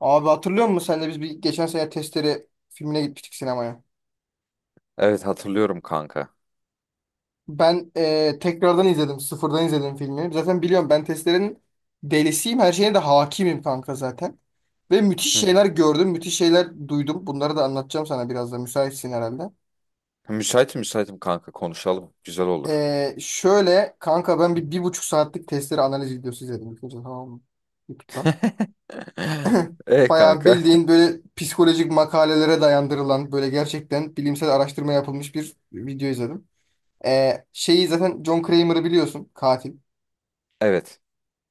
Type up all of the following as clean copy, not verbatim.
Abi hatırlıyor musun sen de biz bir geçen sene Testere filmine gitmiştik sinemaya. Evet, hatırlıyorum kanka. Ben tekrardan izledim. Sıfırdan izledim filmi. Zaten biliyorum ben Testere'nin delisiyim. Her şeyine de hakimim kanka zaten. Ve müthiş Hı şeyler gördüm. Müthiş şeyler duydum. Bunları da anlatacağım sana biraz da. Müsaitsin herhalde. hı. Müsaitim, müsaitim kanka, konuşalım. Güzel olur. Şöyle kanka ben bir buçuk saatlik Testere analiz videosu izledim. İlk önce, Tamam mı? YouTube'dan. E Bayağı kanka. bildiğin böyle psikolojik makalelere dayandırılan böyle gerçekten bilimsel araştırma yapılmış bir video izledim. Şeyi zaten John Kramer'ı biliyorsun katil. Evet.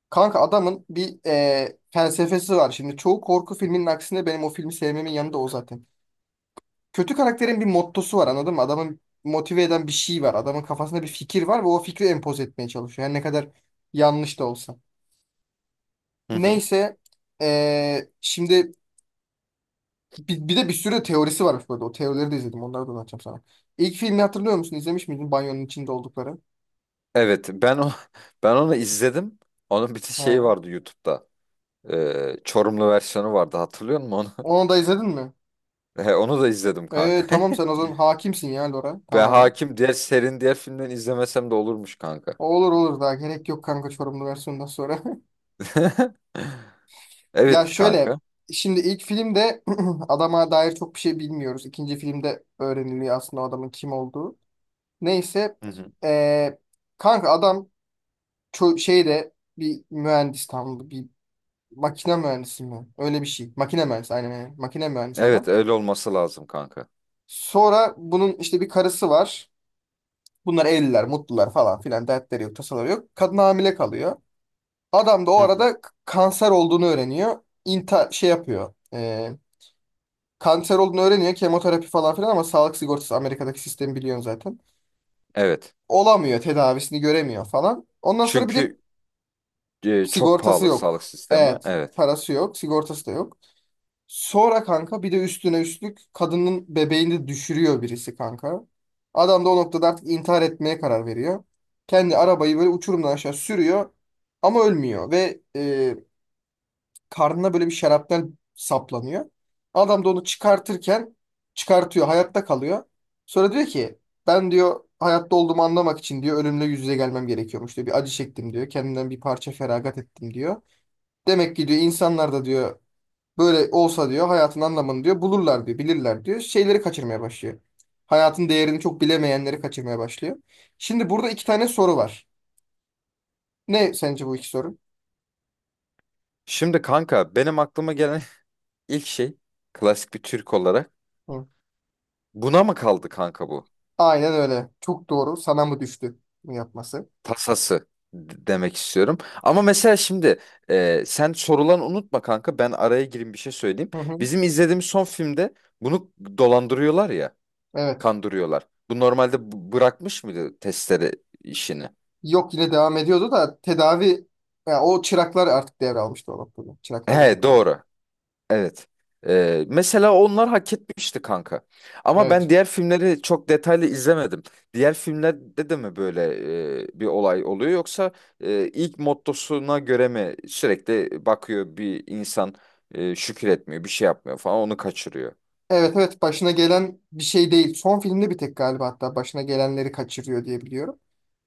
Kanka adamın bir felsefesi var. Şimdi çoğu korku filminin aksine benim o filmi sevmemin yanında o zaten. Kötü karakterin bir mottosu var anladın mı? Adamın motive eden bir şey var. Adamın kafasında bir fikir var ve o fikri empoze etmeye çalışıyor. Yani ne kadar yanlış da olsa. Hı hı. Neyse şimdi bir de bir sürü teorisi varmış burada. O teorileri de izledim. Onları da anlatacağım sana. İlk filmi hatırlıyor musun? İzlemiş miydin? Banyonun içinde oldukları. Evet, ben o ben onu izledim. Onun bir şey He. vardı YouTube'da. Çorumlu versiyonu vardı, hatırlıyor musun onu? Onu da izledin mi? E, onu da izledim kanka. Tamam sen o zaman hakimsin ya Lora Ben tamamen. hakim, diğer serinin diğer filmden izlemesem de olurmuş kanka. Olur olur daha gerek yok kanka Çorumlu versiyondan sonra. Ya Evet şöyle kanka. şimdi ilk filmde adama dair çok bir şey bilmiyoruz. İkinci filmde öğreniliyor aslında o adamın kim olduğu. Neyse Hı hı. ee, kanka adam şeyde bir mühendis tam bir makine mühendisi mi? Öyle bir şey. Makine mühendisi aynen aynen. Makine mühendisi Evet, adam. öyle olması lazım kanka. Sonra bunun işte bir karısı var. Bunlar evliler, mutlular falan filan dertleri yok, tasaları yok. Kadın hamile kalıyor. Adam da o Hı hı. arada kanser olduğunu öğreniyor. İnta şey yapıyor. Kanser olduğunu öğreniyor. Kemoterapi falan filan ama sağlık sigortası Amerika'daki sistemi biliyorsun zaten. Evet. Olamıyor. Tedavisini göremiyor falan. Ondan sonra bir de Çünkü çok sigortası pahalı sağlık yok. sistemi. Evet. Evet. Parası yok. Sigortası da yok. Sonra kanka bir de üstüne üstlük kadının bebeğini de düşürüyor birisi kanka. Adam da o noktada artık intihar etmeye karar veriyor. Kendi arabayı böyle uçurumdan aşağı sürüyor ama ölmüyor ve karnına böyle bir şarapnel saplanıyor. Adam da onu çıkartırken çıkartıyor, hayatta kalıyor. Sonra diyor ki ben diyor hayatta olduğumu anlamak için diyor ölümle yüz yüze gelmem gerekiyormuş diyor. Bir acı çektim diyor. Kendimden bir parça feragat ettim diyor. Demek ki diyor insanlar da diyor böyle olsa diyor hayatın anlamını diyor bulurlar diyor, bilirler diyor. Şeyleri kaçırmaya başlıyor. Hayatın değerini çok bilemeyenleri kaçırmaya başlıyor. Şimdi burada iki tane soru var. Ne sence bu iki soru? Şimdi kanka benim aklıma gelen ilk şey, klasik bir Türk olarak, Hı. buna mı kaldı kanka bu? Aynen öyle. Çok doğru. Sana mı düştü bunu yapması? Tasası demek istiyorum. Ama mesela şimdi, sen sorulan unutma kanka, ben araya gireyim bir şey söyleyeyim. Hı hı. Bizim izlediğimiz son filmde bunu dolandırıyorlar ya, Evet. kandırıyorlar. Bu normalde bırakmış mıydı testleri, işini? Yok yine devam ediyordu da tedavi ya o çıraklar artık devralmıştı o noktada. Çıraklarla He, takılıyordu. doğru. Evet. Mesela onlar hak etmişti kanka. Ama ben Evet. diğer filmleri çok detaylı izlemedim. Diğer filmlerde de mi böyle bir olay oluyor, yoksa ilk mottosuna göre mi sürekli bakıyor bir insan şükür etmiyor, bir şey yapmıyor falan, onu kaçırıyor. Evet evet başına gelen bir şey değil. Son filmde bir tek galiba hatta başına gelenleri kaçırıyor diye biliyorum.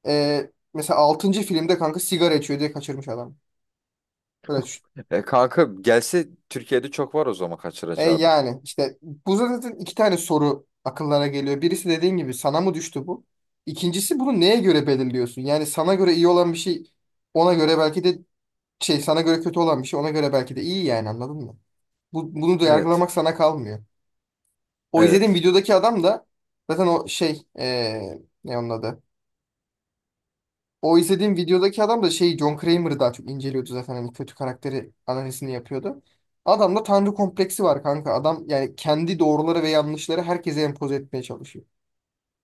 Mesela altıncı filmde kanka sigara içiyor diye kaçırmış adam. Böyle düşün. Kanka gelse Türkiye'de çok var o zaman E kaçıracağı adam. yani işte bu zaten iki tane soru akıllara geliyor. Birisi dediğin gibi sana mı düştü bu? İkincisi bunu neye göre belirliyorsun? Yani sana göre iyi olan bir şey ona göre belki de şey sana göre kötü olan bir şey ona göre belki de iyi yani anladın mı? Bu, bunu da Evet. yargılamak sana kalmıyor. O izlediğim Evet. videodaki adam da zaten o ne onun adı? O izlediğim videodaki adam da şey John Kramer'ı daha çok inceliyordu zaten hani kötü karakteri analizini yapıyordu. Adamda tanrı kompleksi var kanka. Adam yani kendi doğruları ve yanlışları herkese empoze etmeye çalışıyor.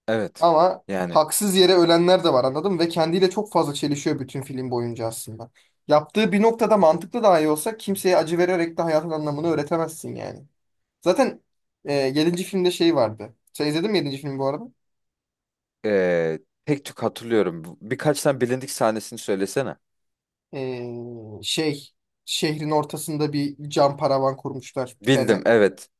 Evet. Ama Yani haksız yere ölenler de var anladın mı? Ve kendiyle çok fazla çelişiyor bütün film boyunca aslında. Yaptığı bir noktada mantıklı dahi olsa kimseye acı vererek de hayatın anlamını öğretemezsin yani. Zaten 7. filmde şey vardı. Sen izledin mi yedinci filmi bu arada? e, tek tük hatırlıyorum. Birkaç tane bilindik sahnesini söylesene. E, şey, şehrin ortasında bir cam paravan kurmuşlar. Bir Bildim, tane evet.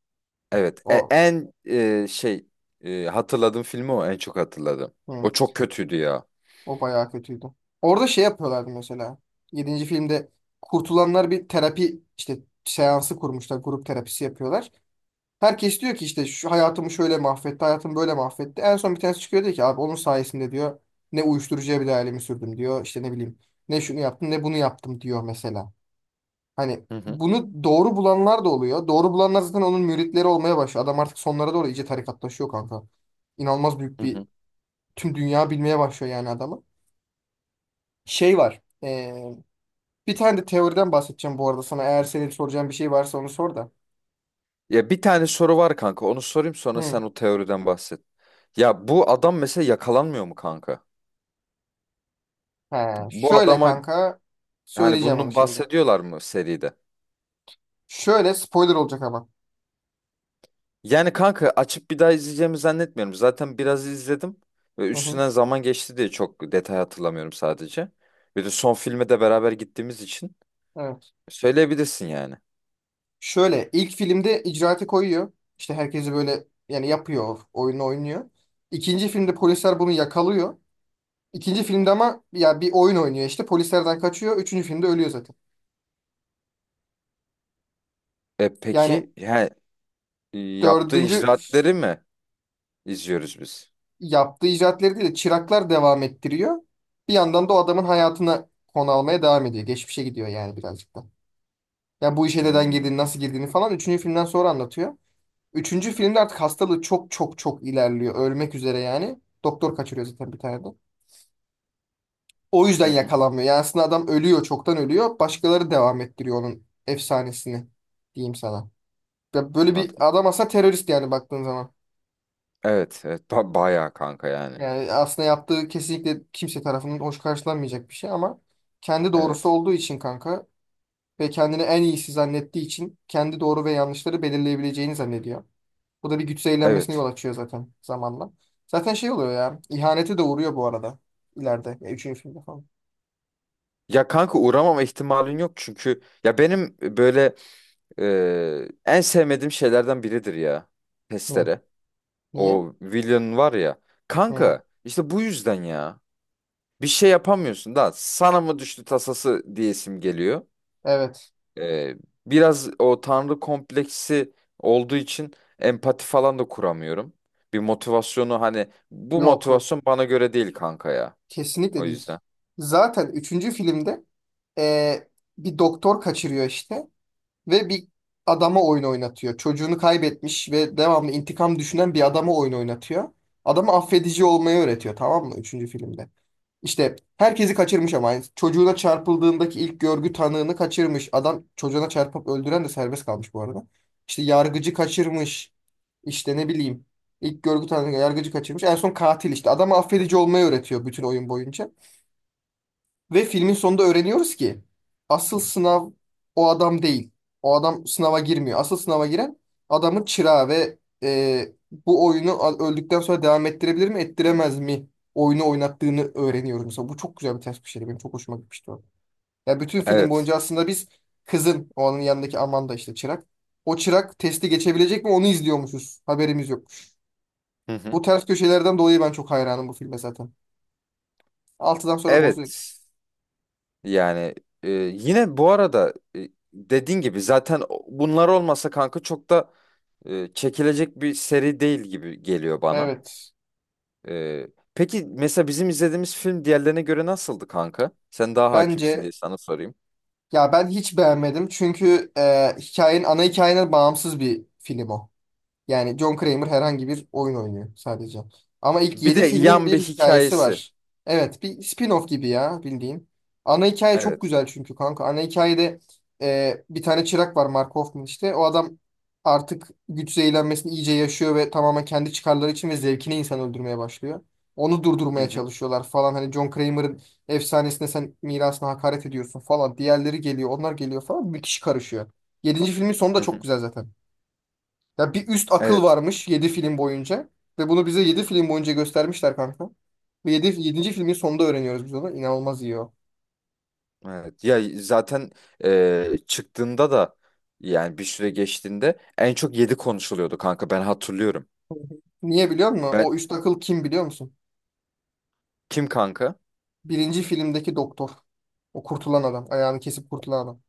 Evet, o, en hatırladığım filmi o, en çok hatırladım. O hı, çok kötüydü ya. o bayağı kötüydü. Orada şey yapıyorlardı mesela. Yedinci filmde kurtulanlar bir terapi işte seansı kurmuşlar. Grup terapisi yapıyorlar. Herkes diyor ki işte şu hayatımı şöyle mahvetti, hayatımı böyle mahvetti. En son bir tanesi çıkıyor diyor ki abi onun sayesinde diyor ne uyuşturucuya bile ailemi sürdüm diyor. İşte ne bileyim ne şunu yaptım ne bunu yaptım diyor mesela. Hani Hı hı, bunu doğru bulanlar da oluyor. Doğru bulanlar zaten onun müritleri olmaya başlıyor. Adam artık sonlara doğru iyice tarikatlaşıyor kanka. İnanılmaz büyük hı bir hı. tüm dünya bilmeye başlıyor yani adamı. Şey var. Bir tane de teoriden bahsedeceğim bu arada sana. Eğer senin soracağın bir şey varsa onu sor da. Ya bir tane soru var kanka. Onu sorayım, sonra Hı. sen o teoriden bahset. Ya bu adam mesela yakalanmıyor mu kanka? He, Bu şöyle adama. kanka Hani söyleyeceğim onu bunun şimdi. bahsediyorlar mı seride? Şöyle spoiler olacak ama. Yani kanka, açıp bir daha izleyeceğimi zannetmiyorum. Zaten biraz izledim ve Hı hı, üstünden zaman geçti diye çok detay hatırlamıyorum sadece. Bir de son filme de beraber gittiğimiz için evet. söyleyebilirsin yani. Şöyle ilk filmde icraatı koyuyor. İşte herkesi böyle yani yapıyor, oyunu oynuyor. İkinci filmde polisler bunu yakalıyor. İkinci filmde ama ya bir oyun oynuyor işte polislerden kaçıyor. Üçüncü filmde ölüyor zaten. E Yani peki, yani yaptığı dördüncü icraatleri mi izliyoruz biz? yaptığı icraatleri değil de çıraklar devam ettiriyor. Bir yandan da o adamın hayatına konu almaya devam ediyor. Geçmişe gidiyor yani birazcık da. Ya bu işe neden girdiğini, Hmm. nasıl girdiğini falan üçüncü filmden sonra anlatıyor. Üçüncü filmde artık hastalığı çok çok çok ilerliyor. Ölmek üzere yani. Doktor kaçırıyor zaten bir tane de. O yüzden Hı hı, yakalanmıyor. Yani aslında adam ölüyor. Çoktan ölüyor. Başkaları devam ettiriyor onun efsanesini. Diyeyim sana. Ya böyle bir anladım. adam aslında terörist yani baktığın zaman. Evet, evet, bayağı kanka yani. Yani aslında yaptığı kesinlikle kimse tarafından hoş karşılanmayacak bir şey ama kendi doğrusu Evet. olduğu için kanka ve kendini en iyisi zannettiği için kendi doğru ve yanlışları belirleyebileceğini zannediyor. Bu da bir güç zehirlenmesine Evet. yol açıyor zaten zamanla. Zaten şey oluyor ya. İhanete de uğruyor bu arada. İleride. Ya, üçüncü filmde falan. Ya kanka, uğramama ihtimalin yok çünkü ya benim böyle en sevmediğim şeylerden biridir ya. Ne? Testere. Niye? O Willian var ya. Hı. Kanka işte bu yüzden ya. Bir şey yapamıyorsun da sana mı düştü tasası diyesim geliyor. Evet. Ee, biraz o tanrı kompleksi olduğu için empati falan da kuramıyorum. Bir motivasyonu, hani bu Yok yok. motivasyon bana göre değil kanka ya. O Kesinlikle değil. yüzden. Zaten üçüncü filmde eee, bir doktor kaçırıyor işte. Ve bir adama oyun oynatıyor. Çocuğunu kaybetmiş ve devamlı intikam düşünen bir adama oyun oynatıyor. Adama affedici olmayı öğretiyor tamam mı? Üçüncü filmde. İşte herkesi kaçırmış ama. Yani çocuğuna çarpıldığındaki ilk görgü tanığını kaçırmış. Adam çocuğuna çarpıp öldüren de serbest kalmış bu arada. İşte yargıcı kaçırmış. İşte ne bileyim. İlk görgü tanığı yargıcı kaçırmış. En son katil işte. Adama affedici olmayı öğretiyor bütün oyun boyunca. Ve filmin sonunda öğreniyoruz ki asıl sınav o adam değil. O adam sınava girmiyor. Asıl sınava giren adamın çırağı ve bu oyunu öldükten sonra devam ettirebilir mi, ettiremez mi? Oyunu oynattığını öğreniyoruz mesela. Bu çok güzel bir ters bir şeydi. Benim çok hoşuma gitmişti o. Ya bütün film Evet. boyunca aslında biz kızın, o onun yanındaki Amanda işte çırak. O çırak testi geçebilecek mi onu izliyormuşuz. Haberimiz yokmuş. Hı hı. Bu ters köşelerden dolayı ben çok hayranım bu filme zaten. Altıdan sonra bozuyor. Evet. Yani yine bu arada, dediğin gibi zaten bunlar olmasa kanka çok da çekilecek bir seri değil gibi geliyor bana. Evet. E peki, mesela bizim izlediğimiz film diğerlerine göre nasıldı kanka? Sen daha hakimsin Bence. diye sana sorayım. Ya ben hiç beğenmedim çünkü hikayenin ana hikayene bağımsız bir film o. Yani John Kramer herhangi bir oyun oynuyor sadece. Ama ilk Bir 7 de filmin yan bir bir hikayesi hikayesi. var. Evet, bir spin-off gibi ya bildiğin. Ana hikaye çok Evet. güzel çünkü kanka. Ana hikayede bir tane çırak var Mark Hoffman işte. O adam artık güç zehirlenmesini iyice yaşıyor ve tamamen kendi çıkarları için ve zevkine insan öldürmeye başlıyor. Onu Hı durdurmaya hı. çalışıyorlar falan. Hani John Kramer'ın efsanesine sen mirasına hakaret ediyorsun falan. Diğerleri geliyor, onlar geliyor falan. Bir kişi karışıyor. Yedinci filmin sonu da Hı çok hı. güzel zaten. Ya bir üst akıl Evet. varmış 7 film boyunca. Ve bunu bize 7 film boyunca göstermişler kanka. Ve 7 yedinci filmin sonunda öğreniyoruz biz onu. İnanılmaz iyi o. Evet. Ya zaten çıktığında da yani bir süre geçtiğinde en çok 7 konuşuluyordu kanka, ben hatırlıyorum. Niye biliyor musun? Ben O üst akıl kim biliyor musun? kim kanka? Birinci filmdeki doktor. O kurtulan adam. Ayağını kesip kurtulan adam.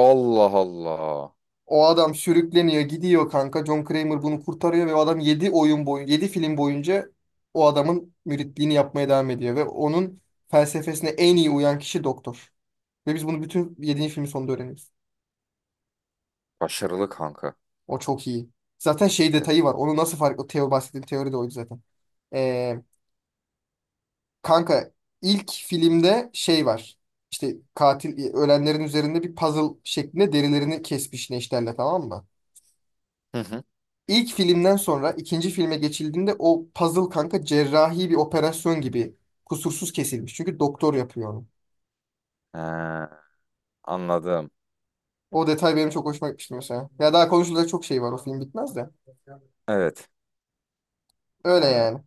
Allah Allah. O adam sürükleniyor, gidiyor kanka. John Kramer bunu kurtarıyor ve o adam 7 oyun boyu 7 film boyunca o adamın müritliğini yapmaya devam ediyor ve onun felsefesine en iyi uyan kişi doktor. Ve biz bunu bütün yedinci filmin sonunda öğreniyoruz. Başarılı kanka. O çok iyi. Zaten şey detayı Evet. var. Onu nasıl fark... O teo bahsettiğim teori de oydu zaten. Ee, kanka ilk filmde şey var. İşte katil ölenlerin üzerinde bir puzzle şeklinde derilerini kesmiş neşterle tamam mı? Hı hı. İlk filmden sonra ikinci filme geçildiğinde o puzzle kanka cerrahi bir operasyon gibi kusursuz kesilmiş. Çünkü doktor yapıyor onu. Ee, anladım. O detay benim çok hoşuma gitmişti mesela. Ya daha konuşulacak çok şey var o film bitmez de. Evet. Öyle Yani, yani.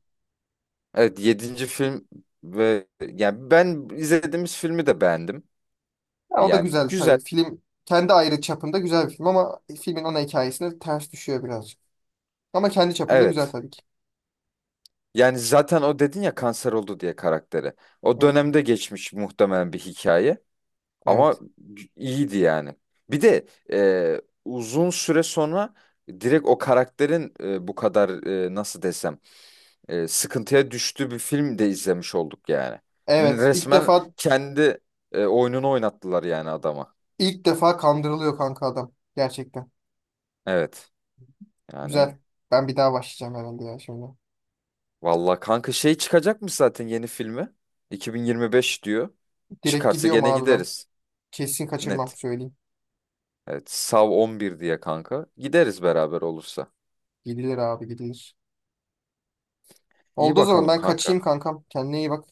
evet, yedinci film ve yani ben izlediğimiz filmi de beğendim. Ya o da Yani güzel güzel. tabii. Film kendi ayrı çapında güzel bir film ama filmin ana hikayesine ters düşüyor birazcık. Ama kendi çapında güzel Evet. tabii ki. Yani zaten o dedin ya kanser oldu diye karakteri. O Hı, dönemde geçmiş muhtemelen bir hikaye. Ama evet. iyiydi yani. Bir de uzun süre sonra direkt o karakterin bu kadar, nasıl desem, sıkıntıya düştüğü bir film de izlemiş olduk yani. Evet. İlk Resmen defa kendi oyununu oynattılar yani adama. ilk defa kandırılıyor kanka adam. Gerçekten. Evet. Yani Güzel. Ben bir daha başlayacağım herhalde ya şimdi. valla kanka, şey çıkacakmış zaten yeni filmi. 2025 diyor. Direkt Çıkarsa gidiyorum gene abi ben. gideriz. Kesin kaçırmam Net. söyleyeyim. Evet. Sav 11 diye kanka. Gideriz beraber olursa. Gidilir abi gidilir. İyi Oldu o zaman bakalım ben kanka. kaçayım kankam. Kendine iyi bak.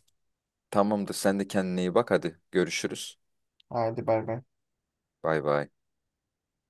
Tamamdır. Sen de kendine iyi bak. Hadi görüşürüz. Hadi bay bay. Bay bay.